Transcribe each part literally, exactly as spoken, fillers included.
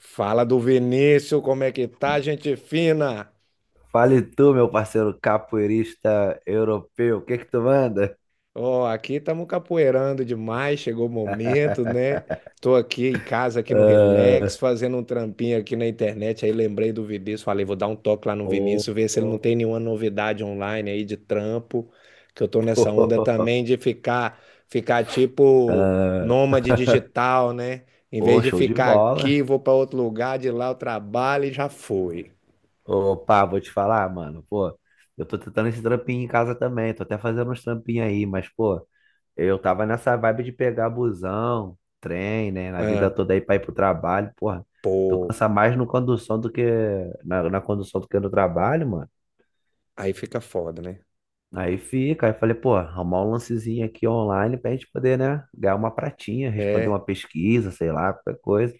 Fala do Vinícius, como é que tá, gente fina? Fale tu, meu parceiro capoeirista europeu, o que que tu manda? Ó, aqui estamos capoeirando demais, chegou o momento, né? Tô aqui em casa, aqui no Relax, Ah, fazendo um trampinho aqui na internet, aí lembrei do Vinícius, falei, vou dar um toque lá no pô, Vinícius, ver se ele não pô, tem nenhuma novidade online aí de trampo, que eu tô nessa onda pô. também de ficar, ficar tipo nômade digital, né? Em Pô, vez de show de ficar bola. aqui, vou para outro lugar, de lá eu trabalho e já fui. Opa, vou te falar, mano, pô, eu tô tentando esse trampinho em casa também, tô até fazendo uns trampinhos aí, mas, pô, eu tava nessa vibe de pegar busão, trem, né, na vida Ah, toda aí pra ir pro trabalho, porra, tu pô. cansa mais no condução do que, na, na condução do que no trabalho, mano. Aí fica foda, né? Aí fica, aí falei, pô, arrumar um lancezinho aqui online pra gente poder, né, ganhar uma pratinha, responder É. uma pesquisa, sei lá, qualquer coisa.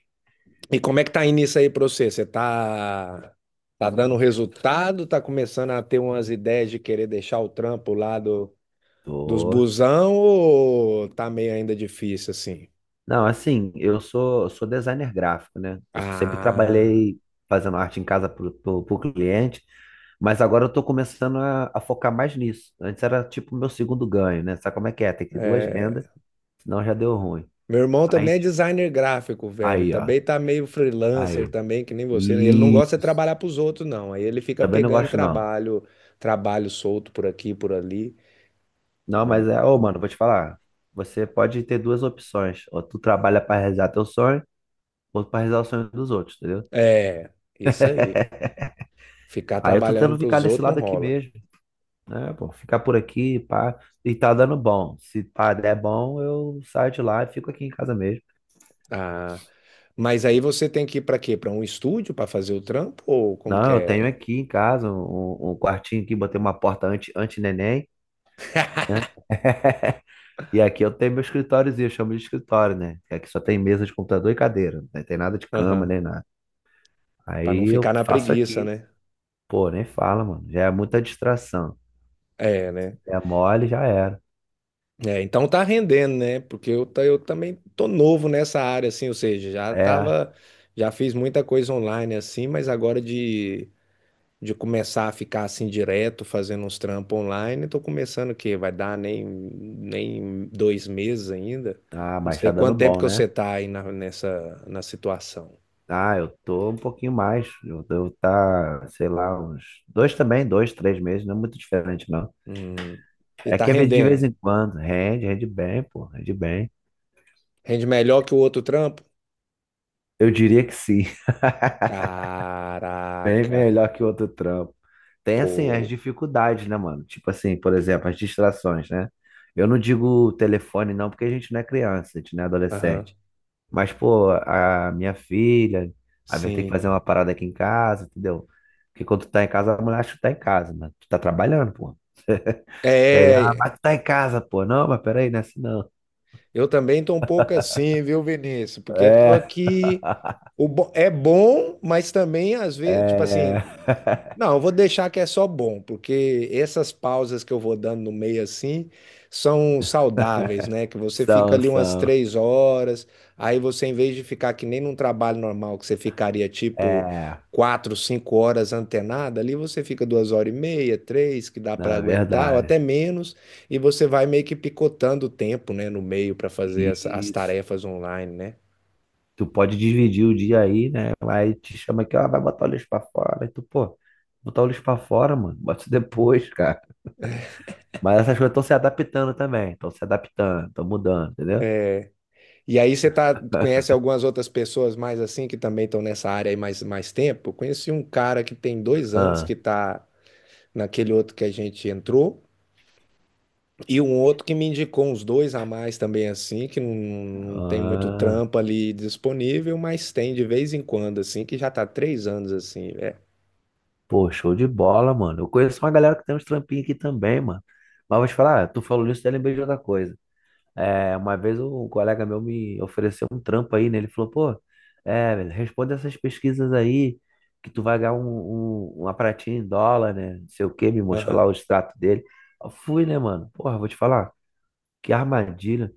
E como é que tá indo isso aí pra você? Você tá, tá dando resultado? Tá começando a ter umas ideias de querer deixar o trampo lá do, dos Tô. busão ou tá meio ainda difícil assim? Não, assim, eu sou, sou, designer gráfico, né? Eu sempre Ah, trabalhei fazendo arte em casa pro, pro, pro cliente, mas agora eu tô começando a, a focar mais nisso. Antes era tipo o meu segundo ganho, né? Sabe como é que é? Tem que ter duas rendas, é. senão já deu ruim. Meu irmão Aí, também é tipo, designer gráfico, velho. aí, ó, Também tá meio freelancer aí. também, que nem você, né? Ele não gosta de Isso. trabalhar pros outros, não. Aí ele fica Também não pegando gosto, não. trabalho, trabalho solto por aqui, por ali, Não, né? mas é, ô, mano, vou te falar. Você pode ter duas opções. Ou tu trabalha pra realizar teu sonho, ou pra realizar o sonho dos outros, entendeu? É, isso aí. Ficar Aí eu tô trabalhando tentando para ficar os nesse outros não lado aqui rola. mesmo, né? Pô, ficar por aqui, pá, e tá dando bom. Se pá, der bom, eu saio de lá e fico aqui em casa mesmo. Ah, mas aí você tem que ir para quê? Para um estúdio para fazer o trampo ou como que Não, eu tenho é? aqui em casa um, um um quartinho aqui, botei uma porta anti, anti-neném, né? E aqui eu tenho meu escritóriozinho, eu chamo de escritório, né? Que aqui só tem mesa de computador e cadeira, não tem nada de cama Aham. nem nada. Para não Aí ficar eu na faço preguiça, aqui. né? Pô, nem fala, mano. Já é muita distração. É, né? É mole, já era. É, então tá rendendo, né? Porque eu, ta- eu também tô novo nessa área, assim, ou seja, já É. tava, já fiz muita coisa online assim, mas agora de de começar a ficar assim direto, fazendo uns trampos online. Estou começando o quê? Vai dar nem, nem dois meses ainda. Ah, Não mas sei tá dando quanto tempo bom, que você né? está aí na, nessa na situação. Ah, eu tô um pouquinho mais. Eu devo tá, sei lá, uns dois também, dois, três meses. Não é muito diferente, não. Hum. E É tá que às vezes de vez rendendo. em quando. Rende, rende bem, pô. Rende bem. Rende melhor que o outro trampo? Eu diria que sim. Bem Caraca, melhor que outro trampo. Tem, assim, as pô. dificuldades, né, mano? Tipo assim, por exemplo, as distrações, né? Eu não digo telefone, não, porque a gente não é criança, a gente não é Aham, adolescente. Mas, pô, a minha filha, às vezes tem que sim. fazer uma parada aqui em casa, entendeu? Porque quando tu tá em casa, a mulher acha que tu tá em casa, né? Tu tá trabalhando, pô. E aí, ah, É, mas tu tá em casa, pô. Não, mas peraí, não é assim não. eu também tô um pouco assim, viu, Vinícius? Porque eu tô É, aqui. O bo- É bom, mas também às vezes, tipo assim, é. não, eu vou deixar que é só bom, porque essas pausas que eu vou dando no meio assim são saudáveis, né? Que você fica São, ali umas são. três horas, aí você, em vez de ficar que nem num trabalho normal, que você ficaria tipo É, quatro, cinco horas antenada, ali você fica duas horas e meia, três, que dá para não, é aguentar, ou verdade. até menos. E você vai meio que picotando o tempo, né, no meio para E fazer as, as isso. tarefas online, né? Tu pode dividir o dia aí, né? Aí te chama aqui, ó, vai botar o lixo pra fora. E tu, pô, botar o lixo pra fora, mano. Bota isso depois, cara. Mas essas coisas estão se adaptando também. Estão se adaptando, estão mudando, entendeu? E aí você tá, conhece algumas outras pessoas mais assim que também estão nessa área aí mais, mais tempo? Eu conheci um cara que tem dois anos Ah, que tá naquele outro que a gente entrou, e um outro que me indicou uns dois a mais também assim, que não, não tem muito ah, trampo ali disponível, mas tem de vez em quando, assim, que já tá três anos assim, é. pô, show de bola, mano. Eu conheço uma galera que tem uns trampinhos aqui também, mano. Mas vou te falar, ah, tu falou isso, eu lembrei de outra coisa. É, uma vez um colega meu me ofereceu um trampo aí, né? Ele falou, pô, é, velho, responde essas pesquisas aí, que tu vai ganhar um, um- uma pratinha em dólar, né? Não sei o quê, me mostrou lá Aham. o extrato dele. Eu fui, né, mano? Porra, vou te falar, que armadilha.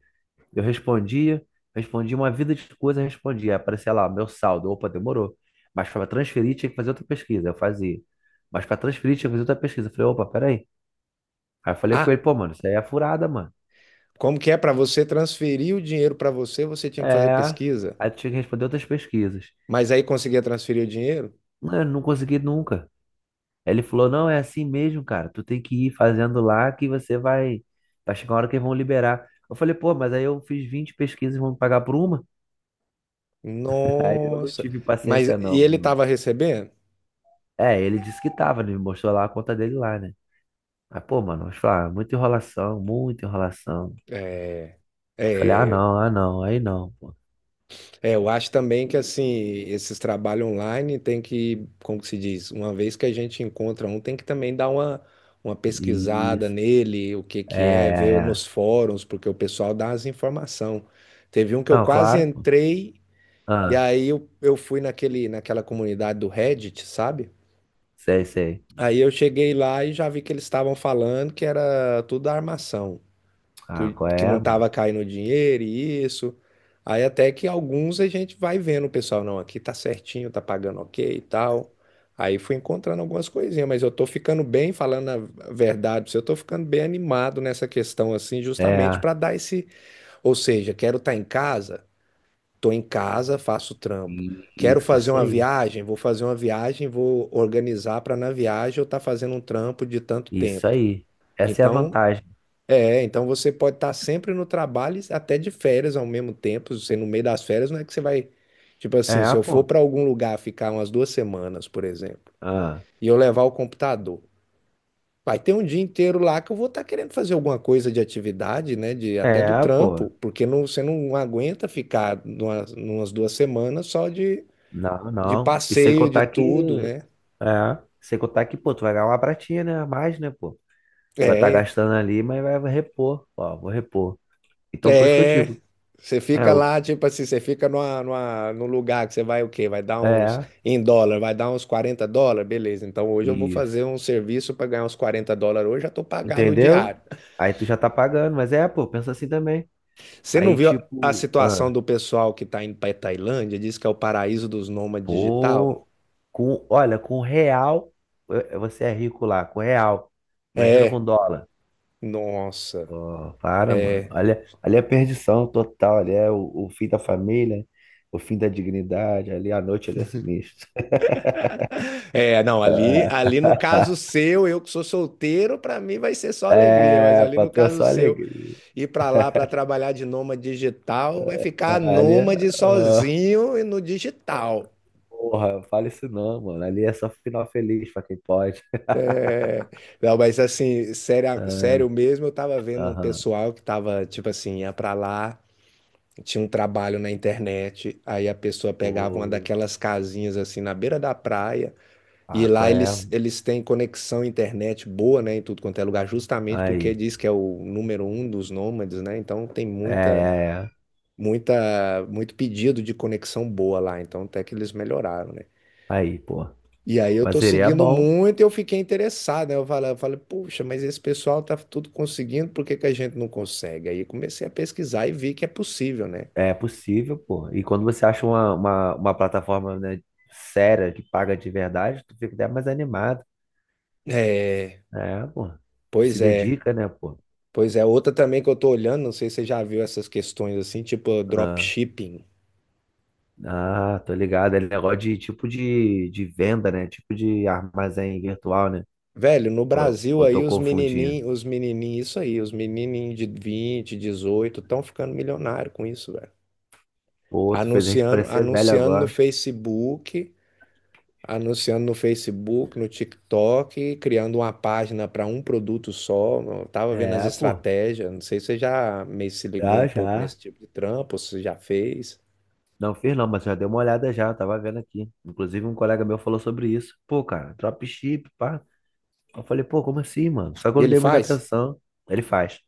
Eu respondia, respondia uma vida de coisa, respondia. Aí aparecia lá, meu saldo, opa, demorou. Mas para transferir tinha que fazer outra pesquisa, eu fazia. Mas para transferir tinha que fazer outra pesquisa. Eu falei, opa, peraí. Aí eu falei com ele, Ah, pô, mano, isso aí é furada, mano. como que é para você transferir o dinheiro para você, você tinha que fazer É. pesquisa, Aí tinha que responder outras pesquisas. mas aí conseguia transferir o dinheiro? Não, eu não consegui nunca. Aí ele falou, não, é assim mesmo, cara. Tu tem que ir fazendo lá que você vai. Vai chegar uma hora que eles vão liberar. Eu falei, pô, mas aí eu fiz vinte pesquisas e vão me pagar por uma? Aí eu não Nossa. tive Mas paciência, e não. ele estava recebendo? É, ele disse que tava, né? Ele me mostrou lá a conta dele lá, né? Aí, pô, mano, eu falei, ah, muita enrolação, muita enrolação. É, Eu falei, ah, é, não, ah, não, aí não, pô. é, eu acho também que assim, esses trabalhos online tem que, como que se diz, uma vez que a gente encontra um, tem que também dar uma, uma pesquisada Isso. nele, o que É, que é, ver é, é. nos fóruns, porque o pessoal dá as informações. Teve um que eu Não, quase claro, pô. entrei, e Ah, aí eu, eu fui naquele, naquela comunidade do Reddit, sabe? sei, sei. Aí eu cheguei lá e já vi que eles estavam falando que era tudo armação Ah, que, qual que não é, mano? estava caindo dinheiro e isso. Aí até que alguns a gente vai vendo, o pessoal, não, aqui tá certinho, tá pagando ok e tal. Aí fui encontrando algumas coisinhas, mas eu tô ficando bem, falando a verdade, pra você, eu tô ficando bem animado nessa questão assim, justamente É, para dar esse, ou seja, quero estar em casa, tô em casa, faço trampo. i- Quero isso, fazer isso uma aí. viagem, vou fazer uma viagem, vou organizar para na viagem eu estar fazendo um trampo de tanto Isso tempo. aí. Essa é a Então, vantagem. é, então você pode estar sempre no trabalho e até de férias ao mesmo tempo. Você no meio das férias não é que você vai, tipo assim, se É, eu for pô. para algum lugar ficar umas duas semanas, por exemplo, Ah, e eu levar o computador, vai ter um dia inteiro lá que eu vou estar querendo fazer alguma coisa de atividade, né, de até do é, pô. trampo, porque não, você não aguenta ficar numa, numas duas semanas só de, Não, de não. E sem passeio, de contar que. tudo, né? É, sem contar que, pô, tu vai ganhar uma pratinha, né? A mais, né, pô? Tu vai estar É, gastando ali, mas vai vai repor. Ó, vou repor. Então, por isso que eu é, digo. você É, fica o- lá, tipo assim, você fica numa, numa, num lugar que você vai o quê? Vai dar uns, é, em dólar, vai dar uns quarenta dólares, beleza. Então hoje eu vou isso. fazer um serviço para ganhar uns quarenta dólares hoje, já tô pagado o Entendeu? diário. Aí tu já tá pagando, mas é, pô, pensa assim também. Você não Aí, viu a tipo, situação ah, do pessoal que tá indo pra Tailândia? Diz que é o paraíso dos nômades digital? pô, com, olha, com real, eh, você é rico lá, com real. Imagina É, com dólar. nossa. Pô, para, mano. Olha, ali é perdição total, ali é o, o fim da família, o fim da dignidade, ali a noite, ali é sinistro. É, não, ali, ali no caso seu, eu que sou solteiro, pra mim vai ser só alegria, mas É, ali pra no tu é caso só seu. alegria. Ir para lá para trabalhar de nômade digital, vai ficar Ali é. nômade Ah, sozinho e no digital. porra, fale isso não, mano. Ali é só final feliz pra quem pode. Não, mas assim, sério, Ah, sério mesmo, eu tava vendo um aham. pessoal que tava, tipo assim, ia para lá, tinha um trabalho na internet, aí a pessoa pegava Pô. uma daquelas casinhas assim na beira da praia, e Ah, qual lá eles, é? eles têm conexão internet boa, né, em tudo quanto é lugar, justamente porque Aí. diz que é o número um dos nômades, né? Então tem É, muita é, é. muita, muito pedido de conexão boa lá, então até que eles melhoraram, né? Aí, pô. E aí eu Mas tô seria seguindo bom. muito e eu fiquei interessado, né? Eu falei, eu falei, puxa, mas esse pessoal tá tudo conseguindo, por que que a gente não consegue? Aí comecei a pesquisar e vi que é possível, né? É possível, pô. E quando você acha uma, uma, uma plataforma, né, séria que paga de verdade, tu fica até mais animado. É, É, pô. Tu pois se é. dedica, né, pô? Pois é, outra também que eu tô olhando, não sei se você já viu essas questões assim, tipo Ah, dropshipping. ah, tô ligado. É negócio de tipo de, de venda, né? Tipo de armazém virtual, né? Velho, no Ou Brasil eu tô aí os confundindo? menininhos, os menininhos, isso aí, os menininhos de vinte, dezoito estão ficando milionário com isso, velho. Pô, tu fez a gente Anunciando, parecer velho anunciando no agora. Facebook, anunciando no Facebook, no TikTok, criando uma página para um produto só. Eu tava vendo as É, pô. estratégias. Não sei se você já meio se ligou um Já, pouco já. nesse tipo de trampo, ou se já fez. Não fiz não, mas já dei uma olhada já, tava vendo aqui. Inclusive um colega meu falou sobre isso. Pô, cara, dropship, pá. Eu falei, pô, como assim, mano? Só que eu E não ele dei muita faz atenção. Ele faz.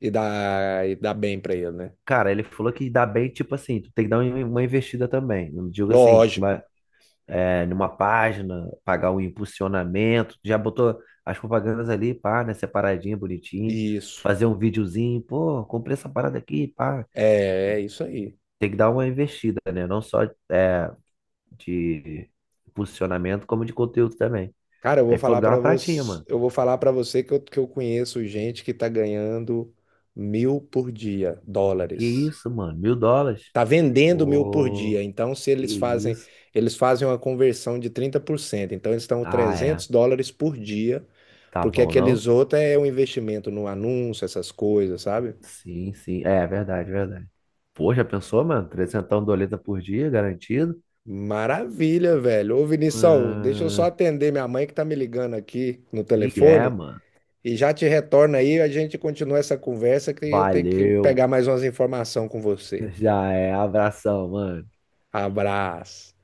e dá, e dá bem para ele, né? Cara, ele falou que dá bem, tipo assim, tu tem que dar um, uma investida também. Não digo assim, mas Lógico. é, numa página, pagar o impulsionamento, já botou as propagandas ali, pá, né, separadinho, bonitinho, Isso. fazer um videozinho, pô, comprei essa parada aqui, pá. É, é isso aí. Tem que dar uma investida, né? Não só é, de posicionamento, como de conteúdo também. Cara, eu vou Aí falou falar que dá para uma pratinha, você, mano. eu vou falar para você que eu, que eu conheço gente que tá ganhando mil por dia, Que dólares. isso, mano? Mil dólares? Tá vendendo mil por Ô, dia. Então, se que eles fazem, isso? eles fazem uma conversão de trinta por cento. Então, eles estão Ah, é. trezentos dólares por dia, Tá porque bom, não? aqueles outros é um investimento no anúncio, essas coisas, sabe? Sim, sim. É, é verdade, é verdade. Pô, já pensou, mano? Trezentão doleta por dia, garantido. Maravilha, velho. Ô, Vinição, deixa eu só Ah, atender minha mãe que tá me ligando aqui no e é, telefone mano. e já te retorna aí, a gente continua essa conversa que eu tenho que Valeu. pegar mais umas informações com você. Já é. Abração, mano. Abraço.